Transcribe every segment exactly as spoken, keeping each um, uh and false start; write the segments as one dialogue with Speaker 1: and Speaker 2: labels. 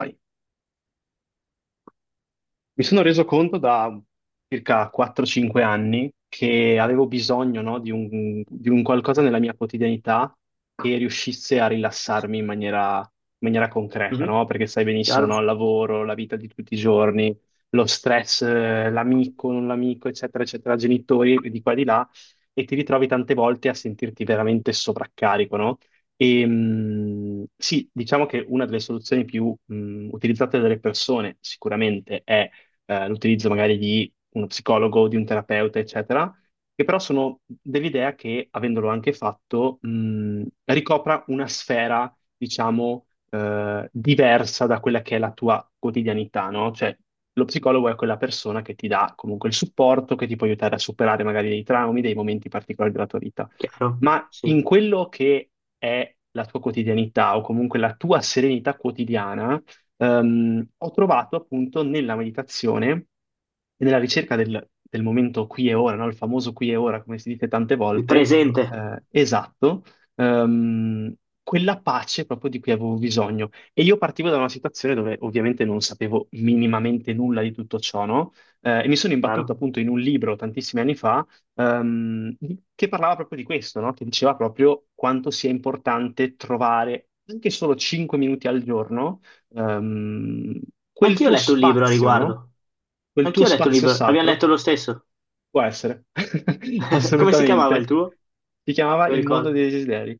Speaker 1: Sì, mi sono reso conto da circa quattro cinque anni che avevo bisogno, no, di un, di un qualcosa nella mia quotidianità che riuscisse a rilassarmi in maniera, in maniera concreta,
Speaker 2: Mhm.
Speaker 1: no? Perché sai benissimo,
Speaker 2: Chiaro?
Speaker 1: no? Il lavoro, la vita di tutti i giorni, lo stress, eh, l'amico, non l'amico, eccetera, eccetera, genitori di qua e di là, e ti ritrovi tante volte a sentirti veramente sovraccarico, no? E, mh, sì, diciamo che una delle soluzioni più mh, utilizzate dalle persone sicuramente è eh, l'utilizzo magari di uno psicologo, di un terapeuta, eccetera, che però sono dell'idea che, avendolo anche fatto, mh, ricopra una sfera, diciamo, eh, diversa da quella che è la tua quotidianità, no? Cioè, lo psicologo è quella persona che ti dà comunque il supporto, che ti può aiutare a superare magari dei traumi, dei momenti particolari della tua vita.
Speaker 2: Chiaro,
Speaker 1: Ma
Speaker 2: sì.
Speaker 1: in quello che è la tua quotidianità o comunque la tua serenità quotidiana, ehm, ho trovato appunto nella meditazione e nella ricerca del, del momento qui e ora, no? Il famoso qui e ora, come si dice tante
Speaker 2: Il
Speaker 1: volte,
Speaker 2: presente,
Speaker 1: eh, esatto, ehm, quella pace proprio di cui avevo bisogno. E io partivo da una situazione dove ovviamente non sapevo minimamente nulla di tutto ciò, no? Eh, e mi sono imbattuto
Speaker 2: chiaro.
Speaker 1: appunto in un libro tantissimi anni fa, ehm, di- che parlava proprio di questo, no? Che diceva proprio quanto sia importante trovare anche solo cinque minuti al giorno, ehm,
Speaker 2: Ma
Speaker 1: quel
Speaker 2: anch'io ho
Speaker 1: tuo
Speaker 2: letto un libro a
Speaker 1: spazio, no?
Speaker 2: riguardo.
Speaker 1: Quel tuo
Speaker 2: Anch'io ho letto un
Speaker 1: spazio
Speaker 2: libro. Abbiamo
Speaker 1: sacro
Speaker 2: letto lo stesso.
Speaker 1: può essere,
Speaker 2: Come si chiamava il
Speaker 1: assolutamente.
Speaker 2: tuo?
Speaker 1: Si chiamava
Speaker 2: Se lo
Speaker 1: Il mondo
Speaker 2: ricordo.
Speaker 1: dei desideri.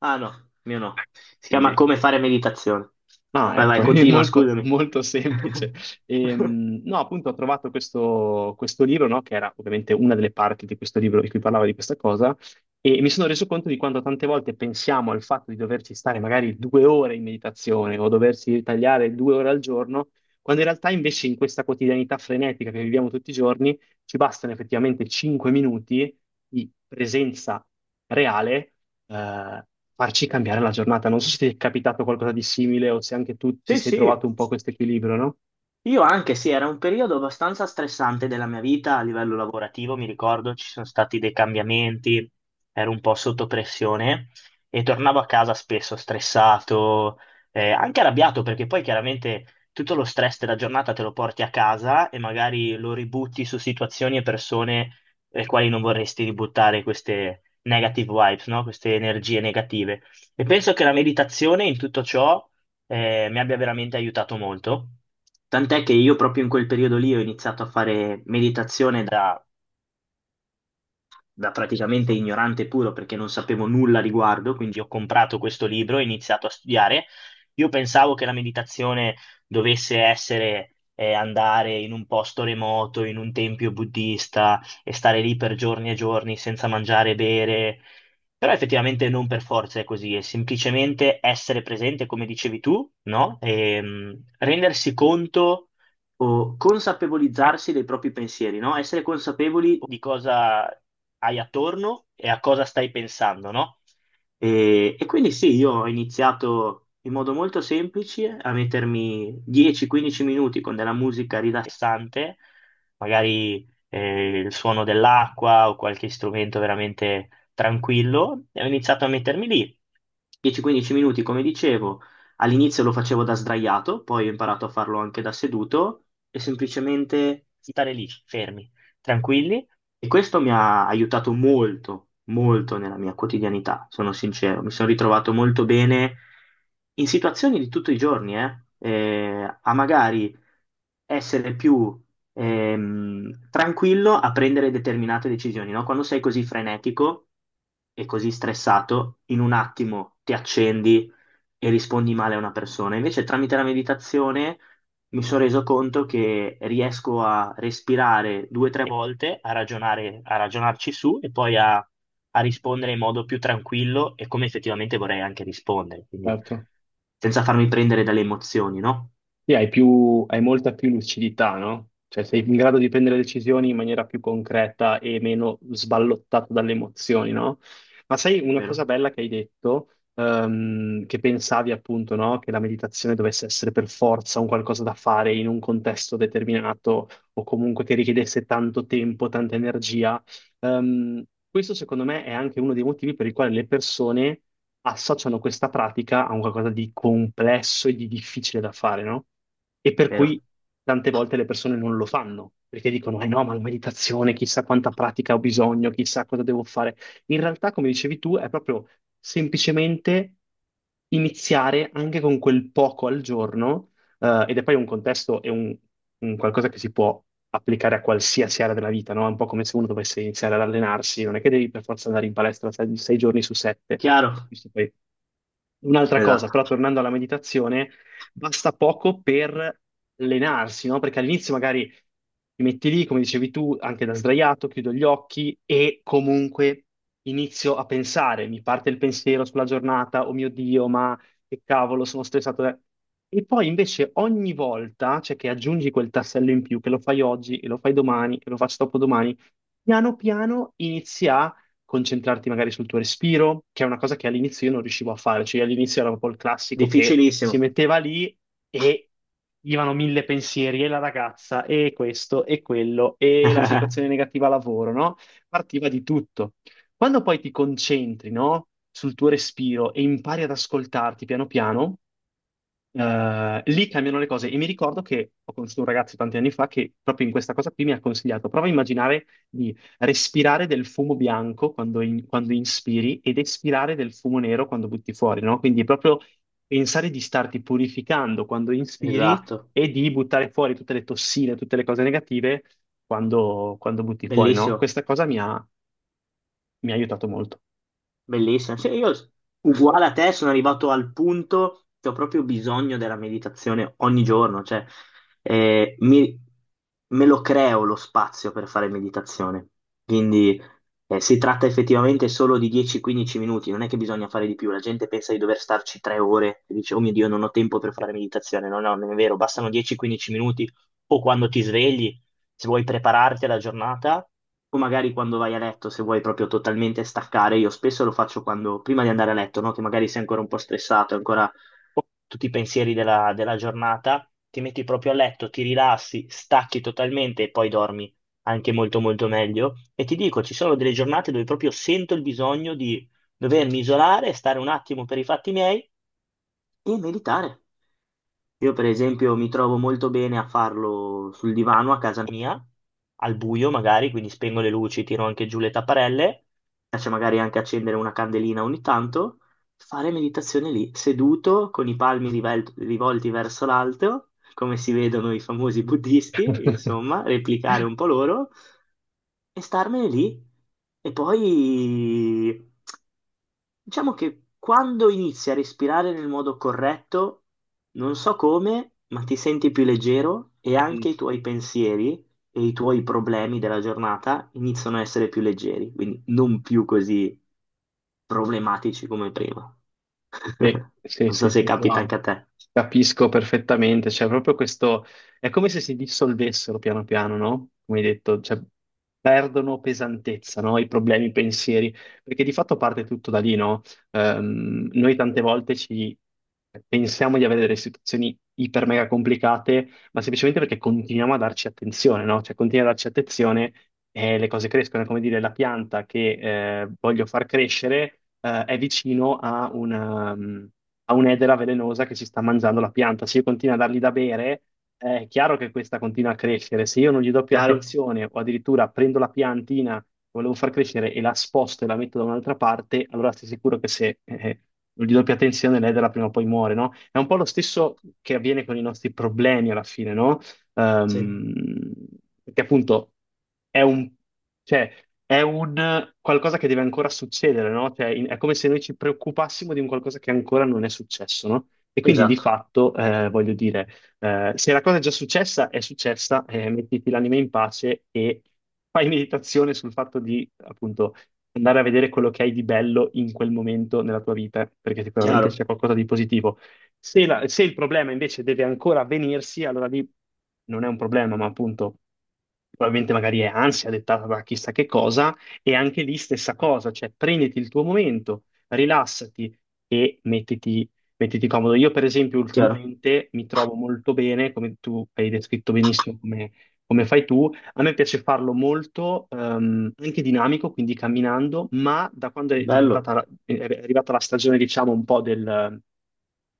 Speaker 2: Ah no, mio no. Si chiama
Speaker 1: Quindi
Speaker 2: Come fare meditazione.
Speaker 1: Ah,
Speaker 2: Vai,
Speaker 1: ecco,
Speaker 2: vai,
Speaker 1: è
Speaker 2: continua,
Speaker 1: molto,
Speaker 2: scusami.
Speaker 1: molto semplice. Ehm, no, appunto, ho trovato questo, questo libro, no, che era ovviamente una delle parti di questo libro di cui parlava di questa cosa, e mi sono reso conto di quanto tante volte pensiamo al fatto di doverci stare magari due ore in meditazione o doversi ritagliare due ore al giorno, quando in realtà invece in questa quotidianità frenetica che viviamo tutti i giorni ci bastano effettivamente cinque minuti di presenza reale eh, farci cambiare la giornata. Non so se ti è capitato qualcosa di simile o se anche tu ti
Speaker 2: Sì,
Speaker 1: sei
Speaker 2: sì.
Speaker 1: trovato un po' questo equilibrio, no?
Speaker 2: Io anche sì, era un periodo abbastanza stressante della mia vita a livello lavorativo, mi ricordo ci sono stati dei cambiamenti, ero un po' sotto pressione e tornavo a casa spesso stressato, eh, anche arrabbiato perché poi chiaramente tutto lo stress della giornata te lo porti a casa e magari lo ributti su situazioni e persone le quali non vorresti ributtare queste negative vibes, no? Queste energie negative. E penso che la meditazione in tutto ciò, eh, mi abbia veramente aiutato molto. Tant'è che io proprio in quel periodo lì ho iniziato a fare meditazione da, da praticamente ignorante puro perché non sapevo nulla a riguardo, quindi ho comprato questo libro e ho iniziato a studiare. Io pensavo che la meditazione dovesse essere eh, andare in un posto remoto, in un tempio buddista e stare lì per giorni e giorni senza mangiare e bere, però effettivamente non per forza è così, è semplicemente essere presente, come dicevi tu, no? E, mm, rendersi conto o consapevolizzarsi dei propri pensieri, no? Essere consapevoli di cosa hai attorno e a cosa stai pensando, no? E, e quindi sì, io ho iniziato in modo molto semplice a mettermi dieci a quindici minuti con della musica rilassante, magari eh, il suono dell'acqua o qualche strumento veramente tranquillo, e ho iniziato a mettermi lì. dieci a quindici minuti, come dicevo, all'inizio lo facevo da sdraiato, poi ho imparato a farlo anche da seduto e semplicemente stare lì, fermi, tranquilli. E questo mi ha aiutato molto, molto nella mia quotidianità, sono sincero. Mi sono ritrovato molto bene in situazioni di tutti i giorni, eh, eh, a magari essere più ehm, tranquillo a prendere determinate decisioni, no? Quando sei così frenetico e così stressato, in un attimo ti accendi e rispondi male a una persona. Invece tramite la meditazione mi sono reso conto che riesco a respirare due o tre volte, a ragionare, a ragionarci su e poi a, a rispondere in modo più tranquillo e come effettivamente vorrei anche rispondere, quindi
Speaker 1: Certo.
Speaker 2: senza farmi prendere dalle emozioni, no?
Speaker 1: Sì, hai più, hai molta più lucidità, no? Cioè sei in grado di prendere decisioni in maniera più concreta e meno sballottato dalle emozioni, no? Ma sai una cosa
Speaker 2: Vero?
Speaker 1: bella che hai detto, ehm, che pensavi appunto, no? Che la meditazione dovesse essere per forza un qualcosa da fare in un contesto determinato o comunque che richiedesse tanto tempo, tanta energia. Ehm, questo secondo me è anche uno dei motivi per i quali le persone associano questa pratica a un qualcosa di complesso e di difficile da fare, no? E per
Speaker 2: Vero.
Speaker 1: cui tante volte le persone non lo fanno, perché dicono, eh no, ma la meditazione, chissà quanta pratica ho bisogno, chissà cosa devo fare. In realtà, come dicevi tu, è proprio semplicemente iniziare anche con quel poco al giorno, eh, ed è poi un contesto e un, un qualcosa che si può applicare a qualsiasi area della vita, no? È un po' come se uno dovesse iniziare ad allenarsi, non è che devi per forza andare in palestra sei, sei giorni su sette.
Speaker 2: Chiaro?
Speaker 1: Questo poi è un'altra cosa,
Speaker 2: Esatto.
Speaker 1: però tornando alla meditazione, basta poco per allenarsi, no? Perché all'inizio magari ti metti lì, come dicevi tu, anche da sdraiato, chiudo gli occhi e comunque inizio a pensare, mi parte il pensiero sulla giornata, oh mio Dio, ma che cavolo, sono stressato. eh. E poi invece ogni volta, cioè che aggiungi quel tassello in più, che lo fai oggi, e lo fai domani, e lo faccio dopodomani, piano piano inizi a concentrarti magari sul tuo respiro, che è una cosa che all'inizio io non riuscivo a fare, cioè all'inizio era proprio il classico che si
Speaker 2: Difficilissimo.
Speaker 1: metteva lì e gli vanno mille pensieri, e la ragazza, e questo, e quello, e la situazione negativa al lavoro, no? Partiva di tutto. Quando poi ti concentri, no, sul tuo respiro e impari ad ascoltarti piano piano, eh, lì cambiano le cose. E mi ricordo che ho conosciuto un ragazzo tanti anni fa che proprio in questa cosa qui mi ha consigliato, prova a immaginare di respirare del fumo bianco quando, in- quando inspiri ed espirare del fumo nero quando butti fuori, no? Quindi proprio pensare di starti purificando quando inspiri
Speaker 2: Esatto.
Speaker 1: e di buttare fuori tutte le tossine, tutte le cose negative quando, quando butti fuori, no?
Speaker 2: Bellissimo.
Speaker 1: Questa cosa mi ha mi ha aiutato molto.
Speaker 2: Bellissimo. Sì, io uguale a te sono arrivato al punto che ho proprio bisogno della meditazione ogni giorno, cioè eh, mi- me lo creo lo spazio per fare meditazione. Quindi eh, si tratta effettivamente solo di dieci quindici minuti, non è che bisogna fare di più. La gente pensa di dover starci tre ore e dice, oh mio Dio, non ho tempo per fare meditazione. No, no, non è vero, bastano dieci quindici minuti o quando ti svegli se vuoi prepararti alla giornata o magari quando vai a letto, se vuoi proprio totalmente staccare. Io spesso lo faccio quando, prima di andare a letto, no? Che magari sei ancora un po' stressato, ancora tutti i pensieri della, della giornata, ti metti proprio a letto, ti rilassi, stacchi totalmente e poi dormi anche molto molto meglio. E ti dico, ci sono delle giornate dove proprio sento il bisogno di dovermi isolare, stare un attimo per i fatti miei e meditare. Io, per esempio, mi trovo molto bene a farlo sul divano a casa mia, al buio magari, quindi spengo le luci, tiro anche giù le tapparelle, mi piace magari anche accendere una candelina ogni tanto, fare meditazione lì, seduto, con i palmi rivel- rivolti verso l'alto, come si vedono i famosi buddisti, insomma, replicare un po' loro e starmene lì. E poi, diciamo che quando inizi a respirare nel modo corretto, non so come, ma ti senti più leggero e
Speaker 1: Mm.
Speaker 2: anche i tuoi pensieri e i tuoi problemi della giornata iniziano a essere più leggeri, quindi non più così problematici come prima.
Speaker 1: Sì, sì,
Speaker 2: Non so
Speaker 1: sì,
Speaker 2: se
Speaker 1: sì,
Speaker 2: capita anche
Speaker 1: no,
Speaker 2: a te.
Speaker 1: capisco perfettamente, cioè proprio questo, è come se si dissolvessero piano piano, no? Come hai detto, cioè, perdono pesantezza, no? I problemi, i pensieri, perché di fatto parte tutto da lì, no? Ehm, noi tante volte ci pensiamo di avere delle situazioni iper mega complicate, ma semplicemente perché continuiamo a darci attenzione, no? Cioè continuiamo a darci attenzione e le cose crescono. È come dire, la pianta che eh, voglio far crescere eh, è vicino a una, mm, a un'edera velenosa che si sta mangiando la pianta. Se io continuo a dargli da bere, eh, è chiaro che questa continua a crescere. Se io non gli do più
Speaker 2: Chiaro?
Speaker 1: attenzione o addirittura prendo la piantina volevo far crescere e la sposto e la metto da un'altra parte, allora stai sicuro che se eh, di doppia tensione l'edera prima o poi muore, no? È un po' lo stesso che avviene con i nostri problemi alla fine, no?
Speaker 2: Sì,
Speaker 1: Ehm, perché appunto è un, cioè, è un qualcosa che deve ancora succedere, no? Cioè, in- è come se noi ci preoccupassimo di un qualcosa che ancora non è successo, no? E quindi di
Speaker 2: esatto.
Speaker 1: fatto, eh, voglio dire, eh, se la cosa è già successa, è successa, eh, mettiti l'anima in pace e fai meditazione sul fatto di, appunto, andare a vedere quello che hai di bello in quel momento nella tua vita, perché sicuramente
Speaker 2: Chiaro,
Speaker 1: c'è qualcosa di positivo. Se, la- se il problema invece deve ancora avvenirsi, allora lì non è un problema, ma appunto probabilmente magari è ansia dettata da chissà che cosa, e anche lì stessa cosa, cioè prenditi il tuo momento, rilassati e mettiti mettiti comodo. Io, per esempio,
Speaker 2: chiaro.
Speaker 1: ultimamente mi trovo molto bene, come tu hai descritto benissimo come, come fai tu. A me piace farlo molto, ehm, anche dinamico, quindi camminando, ma da quando è
Speaker 2: Bello,
Speaker 1: diventata, è arrivata la stagione, diciamo, un po' del,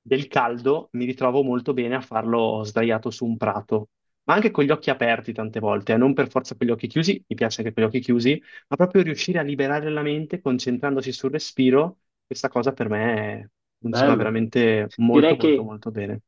Speaker 1: del caldo, mi ritrovo molto bene a farlo sdraiato su un prato, ma anche con gli occhi aperti tante volte, eh, non per forza con gli occhi chiusi, mi piace anche con gli occhi chiusi, ma proprio riuscire a liberare la mente concentrandosi sul respiro, questa cosa per me funziona
Speaker 2: bello.
Speaker 1: veramente molto,
Speaker 2: Direi
Speaker 1: molto,
Speaker 2: che
Speaker 1: molto bene.